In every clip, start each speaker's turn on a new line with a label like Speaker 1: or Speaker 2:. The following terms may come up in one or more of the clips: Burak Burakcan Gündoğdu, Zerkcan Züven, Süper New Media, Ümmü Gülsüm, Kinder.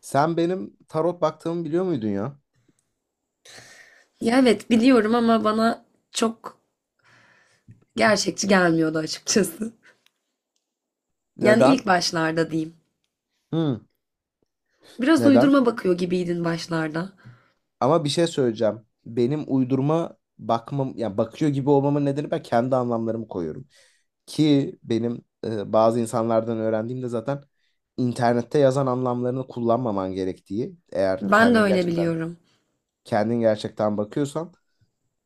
Speaker 1: Sen benim tarot baktığımı biliyor muydun ya?
Speaker 2: Ya evet biliyorum ama bana çok gerçekçi gelmiyordu açıkçası. Yani
Speaker 1: Neden?
Speaker 2: ilk başlarda diyeyim.
Speaker 1: Hı,
Speaker 2: Biraz
Speaker 1: neden?
Speaker 2: uydurma bakıyor gibiydin başlarda.
Speaker 1: Ama bir şey söyleyeceğim. Benim uydurma bakmam, yani bakıyor gibi olmamın nedeni ben kendi anlamlarımı koyuyorum. Ki benim bazı insanlardan öğrendiğimde zaten internette yazan anlamlarını kullanmaman gerektiği, eğer
Speaker 2: Ben de
Speaker 1: kendin
Speaker 2: öyle
Speaker 1: gerçekten
Speaker 2: biliyorum.
Speaker 1: bakıyorsan,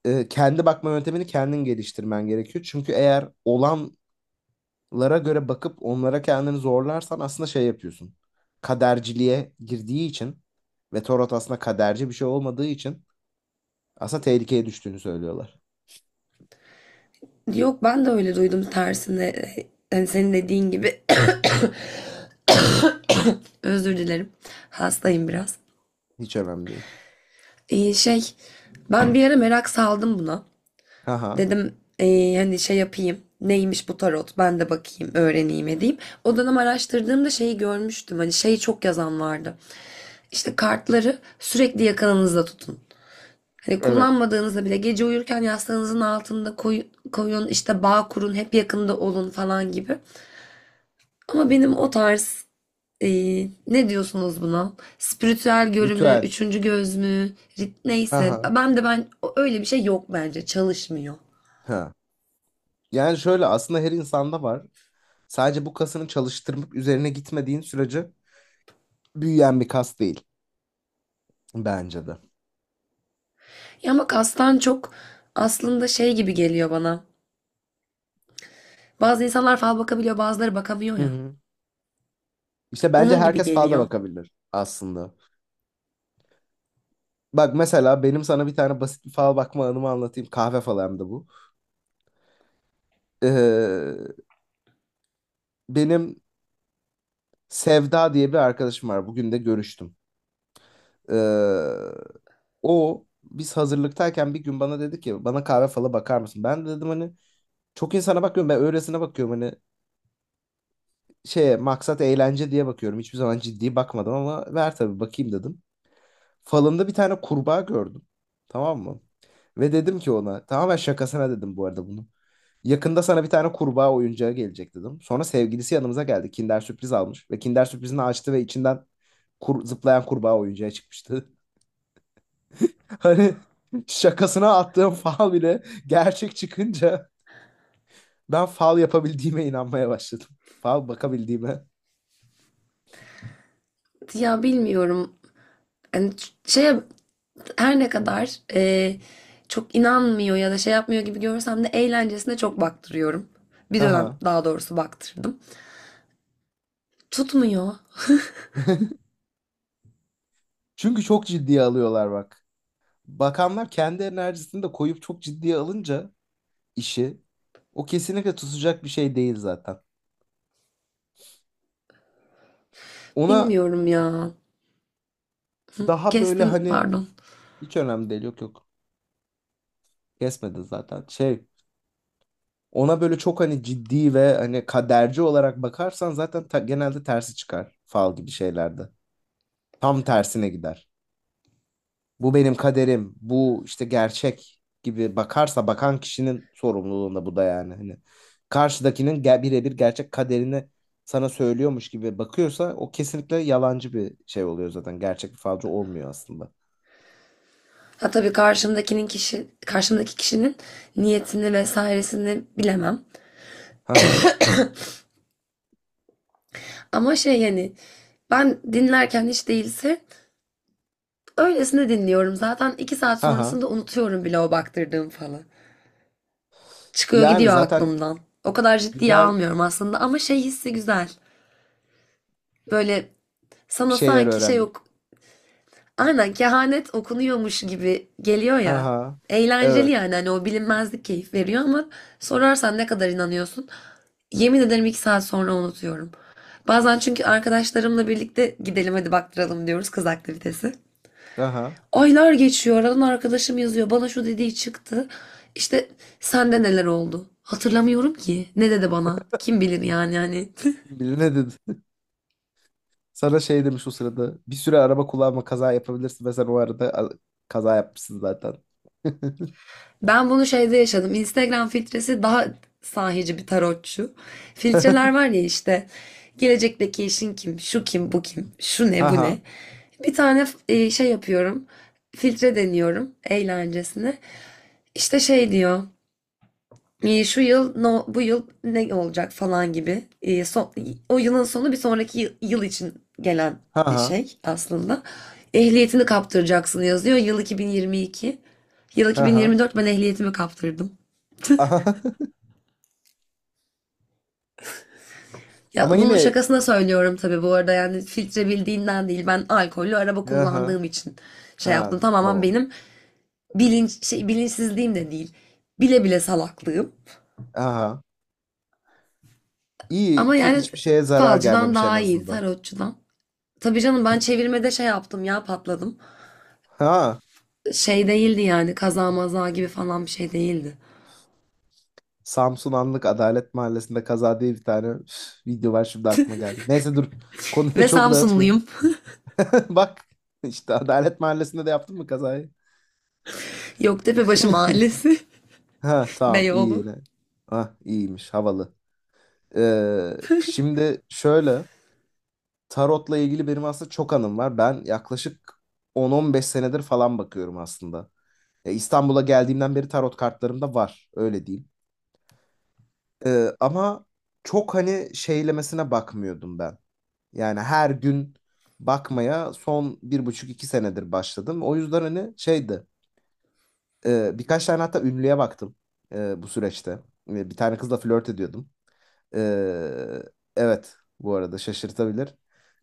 Speaker 1: kendi bakma yöntemini kendin geliştirmen gerekiyor. Çünkü eğer olan lara göre bakıp onlara kendini zorlarsan aslında şey yapıyorsun. Kaderciliğe girdiği için ve tarot aslında kaderci bir şey olmadığı için aslında tehlikeye düştüğünü söylüyorlar.
Speaker 2: Yok ben de öyle duydum tersine. Yani senin dediğin gibi. Özür dilerim. Hastayım biraz.
Speaker 1: Hiç önemli değil.
Speaker 2: Ee, şey Ben bir ara merak saldım buna.
Speaker 1: Haha.
Speaker 2: Dedim hani şey yapayım. Neymiş bu tarot? Ben de bakayım, öğreneyim edeyim. O dönem araştırdığımda şeyi görmüştüm. Hani şeyi çok yazan vardı. İşte kartları sürekli yakınınızda tutun. Hani
Speaker 1: Evet.
Speaker 2: kullanmadığınızda bile gece uyurken yastığınızın altında koyun, işte bağ kurun, hep yakında olun falan gibi. Ama benim o tarz ne diyorsunuz buna? Spiritüel görümü,
Speaker 1: Ritüel.
Speaker 2: üçüncü göz mü, neyse.
Speaker 1: Haha.
Speaker 2: Ben öyle bir şey yok bence. Çalışmıyor.
Speaker 1: Ha. Yani şöyle aslında her insanda var. Sadece bu kasını çalıştırmak üzerine gitmediğin sürece büyüyen bir kas değil bence de.
Speaker 2: Ya ama kastan çok aslında şey gibi geliyor bana. Bazı insanlar fal bakabiliyor, bazıları bakamıyor
Speaker 1: Hı
Speaker 2: ya.
Speaker 1: hı. İşte bence
Speaker 2: Onun gibi
Speaker 1: herkes falda
Speaker 2: geliyor.
Speaker 1: bakabilir aslında. Bak mesela benim sana bir tane basit bir fal bakma anımı anlatayım. Kahve falı hem de bu. Ee, benim Sevda diye bir arkadaşım var. Bugün de görüştüm. Ee, o biz hazırlıktayken bir gün bana dedi ki bana kahve falı bakar mısın? Ben de dedim hani çok insana bakıyorum ben öylesine bakıyorum hani şeye maksat eğlence diye bakıyorum. Hiçbir zaman ciddi bakmadım ama ver tabii bakayım dedim. Falında bir tane kurbağa gördüm. Tamam mı? Ve dedim ki ona tamamen şakasına dedim bu arada bunu. Yakında sana bir tane kurbağa oyuncağı gelecek dedim. Sonra sevgilisi yanımıza geldi. Kinder sürpriz almış. Ve Kinder sürprizini açtı ve içinden zıplayan kurbağa oyuncağı çıkmıştı. Hani şakasına attığım fal bile gerçek çıkınca ben fal yapabildiğime inanmaya başladım. Fal bakabildiğime.
Speaker 2: Ya bilmiyorum. Yani şeye her ne kadar çok inanmıyor ya da şey yapmıyor gibi görsem de eğlencesine çok baktırıyorum. Bir dönem
Speaker 1: Aha.
Speaker 2: daha doğrusu baktırdım. Tutmuyor.
Speaker 1: Çünkü çok ciddiye alıyorlar bak. Bakanlar kendi enerjisini de koyup çok ciddiye alınca işi o kesinlikle tutacak bir şey değil zaten. Ona
Speaker 2: Bilmiyorum ya.
Speaker 1: daha böyle
Speaker 2: Kestim
Speaker 1: hani
Speaker 2: pardon.
Speaker 1: hiç önemli değil yok yok. Kesmedi zaten. Şey ona böyle çok hani ciddi ve hani kaderci olarak bakarsan zaten genelde tersi çıkar fal gibi şeylerde. Tam tersine gider. Bu benim kaderim, bu işte gerçek gibi bakarsa bakan kişinin sorumluluğunda bu da yani. Hani karşıdakinin birebir gerçek kaderini sana söylüyormuş gibi bakıyorsa o kesinlikle yalancı bir şey oluyor zaten. Gerçek bir falcı olmuyor aslında.
Speaker 2: Ha tabii karşımdaki kişinin niyetini vesairesini bilemem.
Speaker 1: Ha ha.
Speaker 2: Ama şey yani ben dinlerken hiç değilse öylesine dinliyorum, zaten iki saat
Speaker 1: Ha ha.
Speaker 2: sonrasında unutuyorum bile o baktırdığım falı. Çıkıyor
Speaker 1: Yani
Speaker 2: gidiyor
Speaker 1: zaten
Speaker 2: aklımdan. O kadar ciddiye
Speaker 1: güzel
Speaker 2: almıyorum aslında ama şey hissi güzel. Böyle
Speaker 1: bir
Speaker 2: sana
Speaker 1: şeyler
Speaker 2: sanki şey
Speaker 1: öğrendim.
Speaker 2: yok. Aynen kehanet okunuyormuş gibi geliyor
Speaker 1: Ha
Speaker 2: ya.
Speaker 1: ha.
Speaker 2: Eğlenceli
Speaker 1: Evet.
Speaker 2: yani hani o bilinmezlik keyif veriyor ama sorarsan ne kadar inanıyorsun? Yemin ederim iki saat sonra unutuyorum. Bazen çünkü arkadaşlarımla birlikte gidelim hadi baktıralım diyoruz, kız aktivitesi.
Speaker 1: Aha.
Speaker 2: Aylar geçiyor. Aradan arkadaşım yazıyor. Bana şu dediği çıktı. İşte sende neler oldu? Hatırlamıyorum ki. Ne dedi bana? Kim bilir yani hani.
Speaker 1: Biri ne dedi? Sana şey demiş o sırada. Bir süre araba kullanma kaza yapabilirsin ve sen o arada kaza yapmışsın zaten.
Speaker 2: Ben bunu şeyde yaşadım. Instagram filtresi daha sahici bir tarotçu. Filtreler var ya işte. Gelecekteki eşin kim? Şu kim? Bu kim? Şu ne? Bu ne?
Speaker 1: Haha.
Speaker 2: Bir tane şey yapıyorum. Filtre deniyorum eğlencesine. İşte şey diyor. Şu yıl no, bu yıl ne olacak falan gibi, o yılın sonu bir sonraki yıl için gelen bir
Speaker 1: Haha.
Speaker 2: şey aslında. Ehliyetini kaptıracaksın yazıyor. Yıl 2022. Yıl
Speaker 1: Haha.
Speaker 2: 2024 ben ehliyetimi kaptırdım.
Speaker 1: Aha.
Speaker 2: Ya
Speaker 1: Ama
Speaker 2: bunu
Speaker 1: yine
Speaker 2: şakasına söylüyorum tabii bu arada, yani filtre bildiğinden değil, ben alkollü araba
Speaker 1: Aha.
Speaker 2: kullandığım için şey yaptım.
Speaker 1: Ha,
Speaker 2: Tamamen
Speaker 1: tamam.
Speaker 2: benim bilinçsizliğim de değil. Bile bile salaklığım.
Speaker 1: Aha. İyi
Speaker 2: Ama
Speaker 1: ki
Speaker 2: yani
Speaker 1: hiçbir şeye zarar
Speaker 2: falcıdan
Speaker 1: gelmemiş en
Speaker 2: daha iyiydi,
Speaker 1: azından.
Speaker 2: tarotçudan. Tabii canım ben çevirmede şey yaptım ya, patladım.
Speaker 1: Ha.
Speaker 2: Şey değildi yani, kaza maza gibi falan bir şey değildi.
Speaker 1: Samsun Anlık Adalet Mahallesi'nde kaza diye bir tane video var şimdi aklıma geldi. Neyse dur. Konuyu
Speaker 2: Ve
Speaker 1: çok dağıtmayayım.
Speaker 2: Samsunluyum.
Speaker 1: Bak işte Adalet Mahallesi'nde de yaptın mı kazayı?
Speaker 2: Yoktepebaşı Mahallesi,
Speaker 1: Ha tamam iyi
Speaker 2: Beyoğlu.
Speaker 1: yine. Ah iyiymiş havalı. Ee, şimdi şöyle tarotla ilgili benim aslında çok anım var. Ben yaklaşık 10-15 senedir falan bakıyorum aslında. Ya İstanbul'a geldiğimden beri tarot kartlarım da var öyle diyeyim. Ama çok hani şeylemesine bakmıyordum ben. Yani her gün bakmaya son 1,5-2 senedir başladım. O yüzden hani şeydi birkaç tane hatta ünlüye baktım bu süreçte. E, bir tane kızla flört ediyordum. Ee, evet bu arada şaşırtabilir.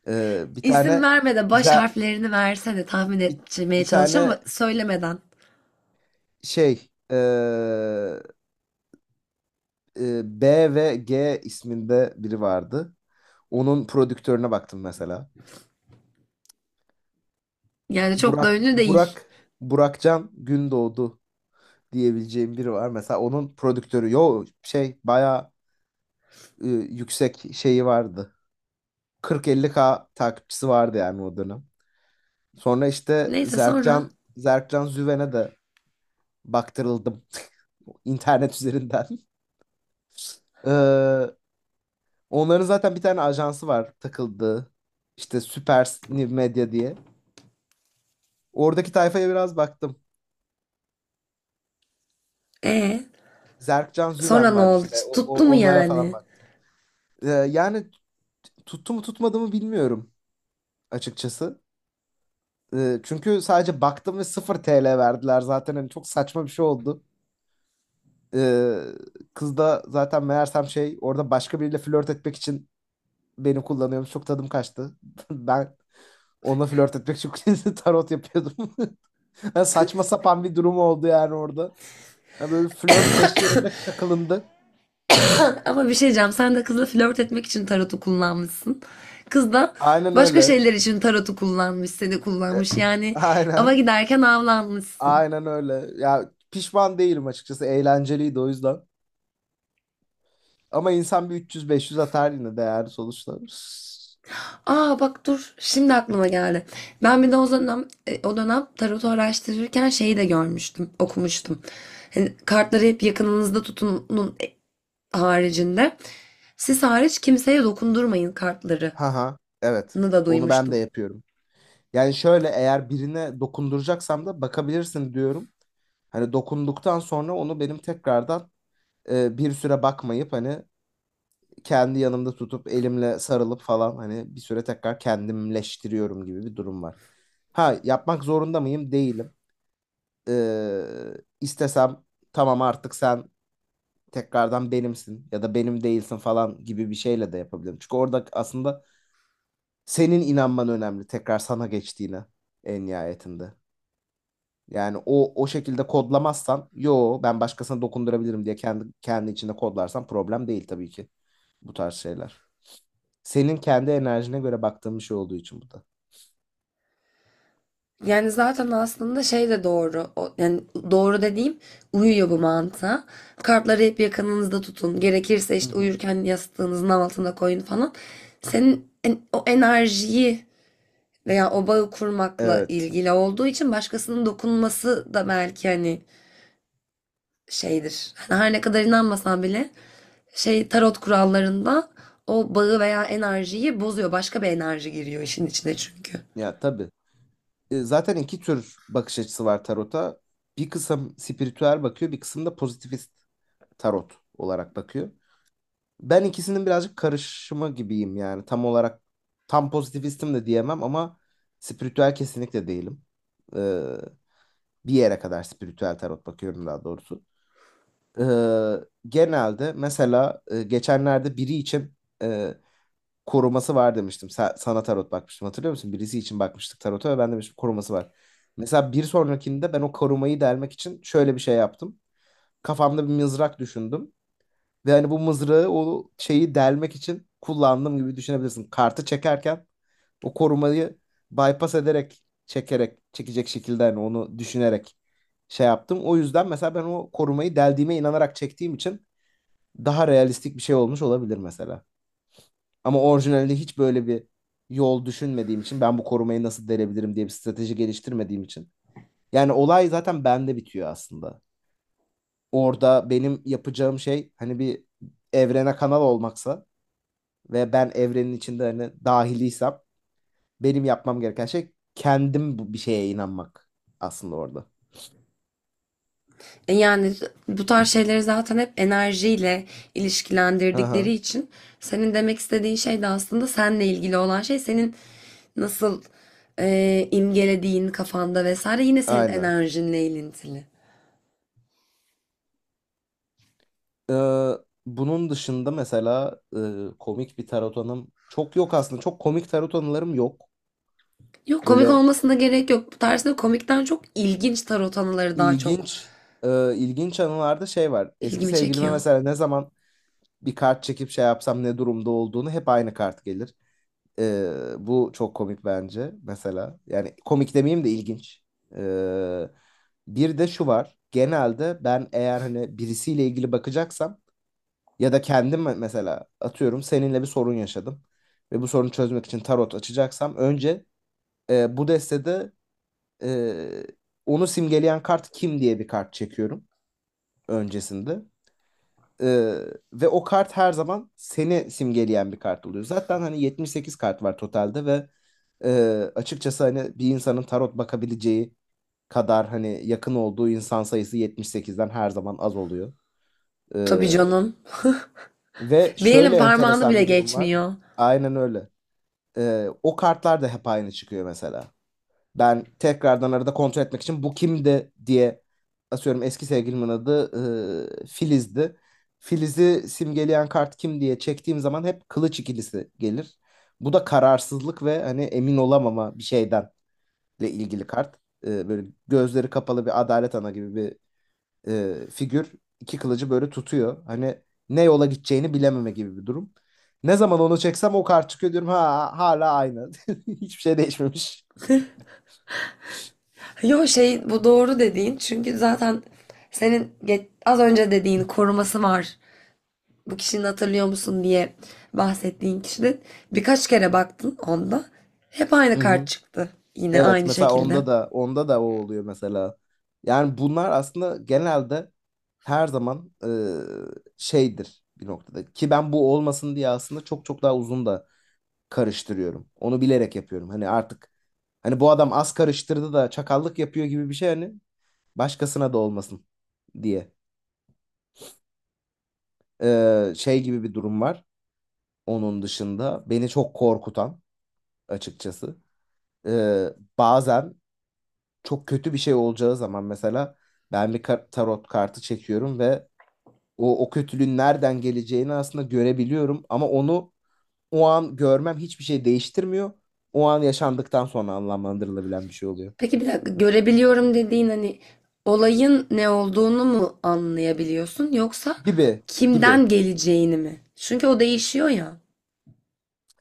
Speaker 1: Ee, bir
Speaker 2: İsim
Speaker 1: tane
Speaker 2: verme, de baş
Speaker 1: za-
Speaker 2: harflerini verse de tahmin
Speaker 1: bir,
Speaker 2: etmeye
Speaker 1: bir
Speaker 2: çalışacağım
Speaker 1: tane
Speaker 2: ama söylemeden.
Speaker 1: şey ee, B ve G isminde biri vardı. Onun prodüktörüne baktım mesela.
Speaker 2: Yani çok da
Speaker 1: Burak
Speaker 2: ünlü değil.
Speaker 1: Burak Burakcan Gündoğdu diyebileceğim biri var. Mesela onun prodüktörü yo şey bayağı yüksek şeyi vardı. Kırk 50 k takipçisi vardı yani o dönem. Sonra işte
Speaker 2: Neyse sonra.
Speaker 1: Zerkcan Züven'e de baktırıldım internet üzerinden. Ee, onların zaten bir tane ajansı var takıldığı. İşte Süper New Media diye. Oradaki tayfaya biraz baktım.
Speaker 2: E
Speaker 1: Zerkcan
Speaker 2: sonra
Speaker 1: Züven
Speaker 2: ne
Speaker 1: var
Speaker 2: oldu?
Speaker 1: işte.
Speaker 2: Tuttu mu
Speaker 1: Onlara falan
Speaker 2: yani?
Speaker 1: bak. Ee, yani tuttu mu tutmadı mı bilmiyorum açıkçası. Çünkü sadece baktım ve 0 TL verdiler zaten. Hani çok saçma bir şey oldu. Ee, kız da zaten meğersem şey orada başka biriyle flört etmek için beni kullanıyormuş. Çok tadım kaçtı. Ben onunla flört etmek için tarot yapıyordum. Ha, saçma sapan bir durum oldu yani orada. Ha, böyle bir flört beşgeninde takılındı.
Speaker 2: Ama bir şey diyeceğim. Sen de kızla flört etmek için tarotu kullanmışsın. Kız da
Speaker 1: Aynen
Speaker 2: başka
Speaker 1: öyle.
Speaker 2: şeyler için tarotu kullanmış, seni
Speaker 1: E,
Speaker 2: kullanmış. Yani ava
Speaker 1: aynen.
Speaker 2: giderken avlanmışsın.
Speaker 1: Aynen öyle. Ya pişman değilim açıkçası. Eğlenceliydi o yüzden. Ama insan bir 300-500 atar yine değer sonuçta.
Speaker 2: Aa bak dur. Şimdi aklıma geldi. Ben bir de o dönem, o dönem tarotu araştırırken şeyi de görmüştüm, okumuştum. Hani kartları hep yakınınızda tutunun haricinde. Siz hariç kimseye dokundurmayın kartlarını
Speaker 1: Haha. Evet.
Speaker 2: da
Speaker 1: Onu ben de
Speaker 2: duymuştum.
Speaker 1: yapıyorum. Yani şöyle eğer birine dokunduracaksam da bakabilirsin diyorum. Hani dokunduktan sonra onu benim tekrardan bir süre bakmayıp hani kendi yanımda tutup elimle sarılıp falan hani bir süre tekrar kendimleştiriyorum gibi bir durum var. Ha yapmak zorunda mıyım? Değilim. Ee, istesem tamam artık sen tekrardan benimsin ya da benim değilsin falan gibi bir şeyle de yapabilirim. Çünkü orada aslında senin inanman önemli tekrar sana geçtiğine en nihayetinde. Yani o şekilde kodlamazsan yo ben başkasına dokundurabilirim diye kendi kendi içinde kodlarsan problem değil tabii ki bu tarz şeyler. Senin kendi enerjine göre baktığın bir şey olduğu için bu da.
Speaker 2: Yani zaten aslında şey de doğru. O, yani doğru dediğim, uyuyor bu mantığa. Kartları hep yakınınızda tutun. Gerekirse
Speaker 1: Hı
Speaker 2: işte
Speaker 1: hı.
Speaker 2: uyurken yastığınızın altına koyun falan. Senin o enerjiyi veya o bağı kurmakla
Speaker 1: Evet.
Speaker 2: ilgili olduğu için başkasının dokunması da belki hani şeydir. Hani her ne kadar inanmasan bile şey tarot kurallarında o bağı veya enerjiyi bozuyor. Başka bir enerji giriyor işin içine çünkü.
Speaker 1: Ya tabii. Zaten iki tür bakış açısı var tarota. Bir kısım spiritüel bakıyor, bir kısım da pozitivist tarot olarak bakıyor. Ben ikisinin birazcık karışımı gibiyim yani. Tam olarak tam pozitivistim de diyemem ama spiritüel kesinlikle değilim. Ee, bir yere kadar spiritüel tarot bakıyorum daha doğrusu. Ee, genelde mesela geçenlerde biri için e, koruması var demiştim. Sana tarot bakmıştım hatırlıyor musun? Birisi için bakmıştık tarota ve ben demiştim koruması var. Mesela bir sonrakinde ben o korumayı delmek için şöyle bir şey yaptım. Kafamda bir mızrak düşündüm. Ve hani bu mızrağı o şeyi delmek için kullandım gibi düşünebilirsin. Kartı çekerken o korumayı bypass ederek, çekerek, çekecek şekilde hani onu düşünerek şey yaptım. O yüzden mesela ben o korumayı deldiğime inanarak çektiğim için daha realistik bir şey olmuş olabilir mesela. Ama orijinalde hiç böyle bir yol düşünmediğim için ben bu korumayı nasıl delebilirim diye bir strateji geliştirmediğim için. Yani olay zaten bende bitiyor aslında. Orada benim yapacağım şey hani bir evrene kanal olmaksa ve ben evrenin içinde hani dahiliysem benim yapmam gereken şey kendim bir şeye inanmak aslında orada.
Speaker 2: Yani bu tarz şeyleri zaten hep enerjiyle
Speaker 1: Hı hı.
Speaker 2: ilişkilendirdikleri için, senin demek istediğin şey de aslında seninle ilgili olan şey senin nasıl imgelediğin kafanda vesaire, yine senin
Speaker 1: Aynen.
Speaker 2: enerjinle ilintili.
Speaker 1: Ee, bunun dışında mesela komik bir tarot anım çok yok aslında. Çok komik tarot anılarım yok.
Speaker 2: Yok komik
Speaker 1: Böyle
Speaker 2: olmasına gerek yok. Bu tarzda komikten çok ilginç tarot anıları daha çok
Speaker 1: ilginç ilginç anılarda şey var. Eski
Speaker 2: ilgimi
Speaker 1: sevgilime
Speaker 2: çekiyor.
Speaker 1: mesela ne zaman bir kart çekip şey yapsam ne durumda olduğunu hep aynı kart gelir. E, bu çok komik bence mesela. Yani komik demeyeyim de ilginç. E, bir de şu var. Genelde ben eğer hani birisiyle ilgili bakacaksam ya da kendim mesela atıyorum seninle bir sorun yaşadım ve bu sorunu çözmek için tarot açacaksam önce bu destede e, onu simgeleyen kart kim diye bir kart çekiyorum öncesinde. Ee, ve o kart her zaman seni simgeleyen bir kart oluyor. Zaten hani 78 kart var totalde ve açıkçası hani bir insanın tarot bakabileceği kadar hani yakın olduğu insan sayısı 78'den her zaman az oluyor.
Speaker 2: Tabii
Speaker 1: Ee,
Speaker 2: canım.
Speaker 1: ve
Speaker 2: Bir
Speaker 1: şöyle
Speaker 2: elin parmağını
Speaker 1: enteresan
Speaker 2: bile
Speaker 1: bir durum var.
Speaker 2: geçmiyor.
Speaker 1: Aynen öyle. O kartlar da hep aynı çıkıyor mesela. Ben tekrardan arada kontrol etmek için bu kimdi diye asıyorum eski sevgilimin adı Filiz'di. Filiz'i simgeleyen kart kim diye çektiğim zaman hep kılıç ikilisi gelir. Bu da kararsızlık ve hani emin olamama bir şeyden ile ilgili kart. Böyle gözleri kapalı bir adalet ana gibi bir figür. İki kılıcı böyle tutuyor. Hani ne yola gideceğini bilememe gibi bir durum. Ne zaman onu çeksem o kart çıkıyor diyorum ha hala aynı. Hiçbir şey değişmemiş.
Speaker 2: Yo şey bu doğru dediğin çünkü zaten senin az önce dediğin koruması var, bu kişinin hatırlıyor musun diye bahsettiğin kişinin. Birkaç kere baktın onda. Hep aynı
Speaker 1: Hı
Speaker 2: kart
Speaker 1: hı.
Speaker 2: çıktı. Yine
Speaker 1: Evet
Speaker 2: aynı
Speaker 1: mesela
Speaker 2: şekilde.
Speaker 1: onda da onda da o oluyor mesela. Yani bunlar aslında genelde her zaman şeydir bir noktada. Ki ben bu olmasın diye aslında çok çok daha uzun da karıştırıyorum. Onu bilerek yapıyorum. Hani artık hani bu adam az karıştırdı da çakallık yapıyor gibi bir şey hani başkasına da olmasın diye. Şey gibi bir durum var. Onun dışında beni çok korkutan açıkçası. E, bazen çok kötü bir şey olacağı zaman mesela ben bir tarot kartı çekiyorum ve o kötülüğün nereden geleceğini aslında görebiliyorum ama onu o an görmem hiçbir şey değiştirmiyor. O an yaşandıktan sonra anlamlandırılabilen bir şey oluyor.
Speaker 2: Peki bir dakika, görebiliyorum dediğin hani olayın ne olduğunu mu anlayabiliyorsun yoksa
Speaker 1: Gibi gibi.
Speaker 2: kimden geleceğini mi? Çünkü o değişiyor ya.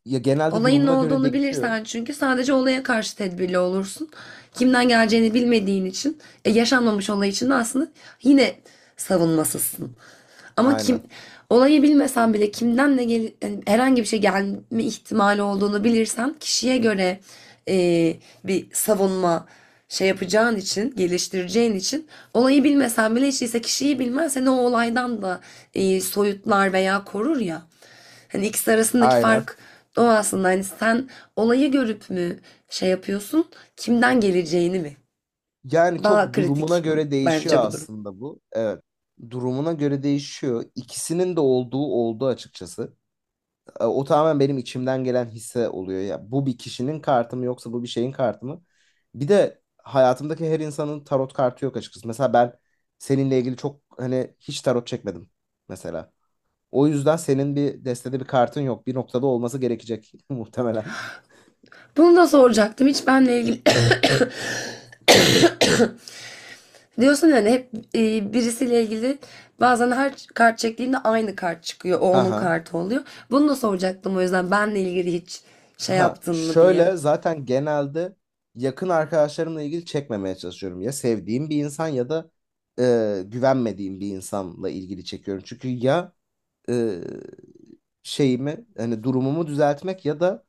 Speaker 1: Ya genelde
Speaker 2: Olayın ne
Speaker 1: durumuna göre
Speaker 2: olduğunu bilirsen
Speaker 1: değişiyor.
Speaker 2: hani çünkü sadece olaya karşı tedbirli olursun. Kimden geleceğini bilmediğin için yaşanmamış olay için de aslında yine savunmasızsın. Ama kim
Speaker 1: Aynen.
Speaker 2: olayı bilmesen bile kimden de gel, yani herhangi bir şey gelme ihtimali olduğunu bilirsen kişiye göre bir savunma şey yapacağın için, geliştireceğin için, olayı bilmesen bile hiç değilse kişiyi bilmen seni o olaydan da soyutlar veya korur ya. Hani ikisi arasındaki
Speaker 1: Aynen.
Speaker 2: fark o aslında. Hani sen olayı görüp mü şey yapıyorsun, kimden geleceğini mi?
Speaker 1: Yani
Speaker 2: Daha
Speaker 1: çok durumuna
Speaker 2: kritik
Speaker 1: göre değişiyor
Speaker 2: bence bu durum.
Speaker 1: aslında bu. Evet. Durumuna göre değişiyor. İkisinin de olduğu oldu açıkçası. O tamamen benim içimden gelen hisse oluyor ya. Bu bir kişinin kartı mı yoksa bu bir şeyin kartı mı? Bir de hayatımdaki her insanın tarot kartı yok açıkçası. Mesela ben seninle ilgili çok hani hiç tarot çekmedim mesela. O yüzden senin bir destede bir kartın yok. Bir noktada olması gerekecek muhtemelen.
Speaker 2: Bunu da soracaktım. Hiç benle ilgili diyorsun yani hep birisiyle ilgili bazen her kart çektiğimde aynı kart çıkıyor. O
Speaker 1: Ha
Speaker 2: onun
Speaker 1: ha.
Speaker 2: kartı oluyor. Bunu da soracaktım o yüzden, benle ilgili hiç şey
Speaker 1: Ha.
Speaker 2: yaptın mı diye.
Speaker 1: Şöyle zaten genelde yakın arkadaşlarımla ilgili çekmemeye çalışıyorum. Ya sevdiğim bir insan ya da güvenmediğim bir insanla ilgili çekiyorum. Çünkü ya e, şeyimi hani durumumu düzeltmek ya da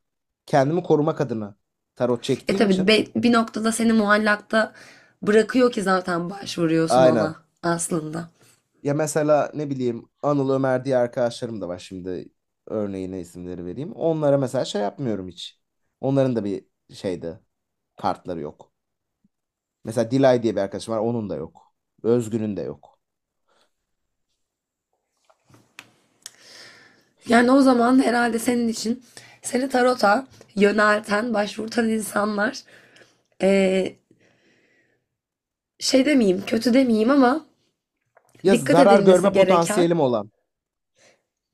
Speaker 1: kendimi korumak adına tarot
Speaker 2: E
Speaker 1: çektiğim
Speaker 2: tabii
Speaker 1: için
Speaker 2: bir noktada seni muallakta bırakıyor ki zaten başvuruyorsun
Speaker 1: aynen.
Speaker 2: ona aslında.
Speaker 1: Ya mesela ne bileyim Anıl Ömer diye arkadaşlarım da var şimdi örneğine isimleri vereyim. Onlara mesela şey yapmıyorum hiç. Onların da bir şeyde kartları yok. Mesela Dilay diye bir arkadaşım var onun da yok. Özgün'ün de yok.
Speaker 2: Yani o zaman herhalde senin için seni tarota yönelten, başvurtan insanlar e, şey demeyeyim, kötü demeyeyim ama
Speaker 1: Ya
Speaker 2: dikkat
Speaker 1: zarar
Speaker 2: edilmesi
Speaker 1: görme
Speaker 2: gereken,
Speaker 1: potansiyelim olan.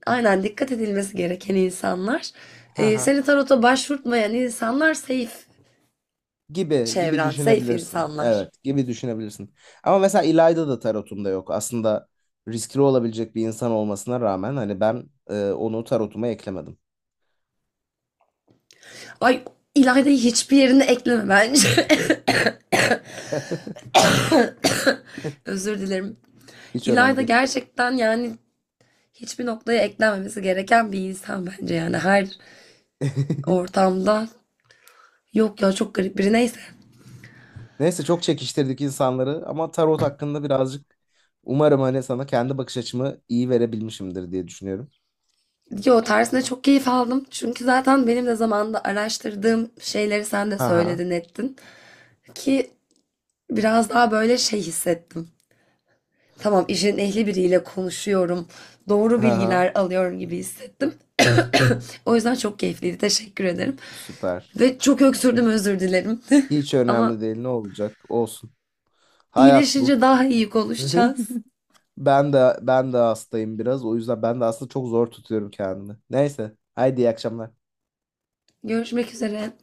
Speaker 2: aynen dikkat edilmesi gereken insanlar, seni tarota başvurtmayan insanlar safe
Speaker 1: Gibi gibi
Speaker 2: çevren, safe
Speaker 1: düşünebilirsin.
Speaker 2: insanlar.
Speaker 1: Evet, gibi düşünebilirsin. Ama mesela İlayda da tarotumda yok. Aslında riskli olabilecek bir insan olmasına rağmen hani ben onu tarotuma eklemedim.
Speaker 2: Ay, İlayda'yı hiçbir yerine ekleme bence. Özür dilerim.
Speaker 1: Hiç önemli
Speaker 2: İlayda
Speaker 1: değil.
Speaker 2: gerçekten yani hiçbir noktaya eklenmemesi gereken bir insan bence, yani her ortamda, yok ya çok garip biri, neyse.
Speaker 1: Neyse çok çekiştirdik insanları ama tarot hakkında birazcık umarım hani sana kendi bakış açımı iyi verebilmişimdir diye düşünüyorum.
Speaker 2: Yo tersine çok keyif aldım. Çünkü zaten benim de zamanında araştırdığım şeyleri sen de
Speaker 1: Ha ha
Speaker 2: söyledin ettin. Ki biraz daha böyle şey hissettim. Tamam, işin ehli biriyle konuşuyorum, doğru
Speaker 1: ha ha
Speaker 2: bilgiler alıyorum gibi hissettim. O yüzden çok keyifliydi. Teşekkür ederim.
Speaker 1: süper.
Speaker 2: Ve çok öksürdüm, özür dilerim.
Speaker 1: Hiç
Speaker 2: Ama
Speaker 1: önemli değil ne olacak olsun. Hayat bu.
Speaker 2: iyileşince daha iyi konuşacağız.
Speaker 1: Ben de hastayım biraz. O yüzden ben de aslında çok zor tutuyorum kendimi. Neyse. Haydi iyi akşamlar.
Speaker 2: Görüşmek üzere.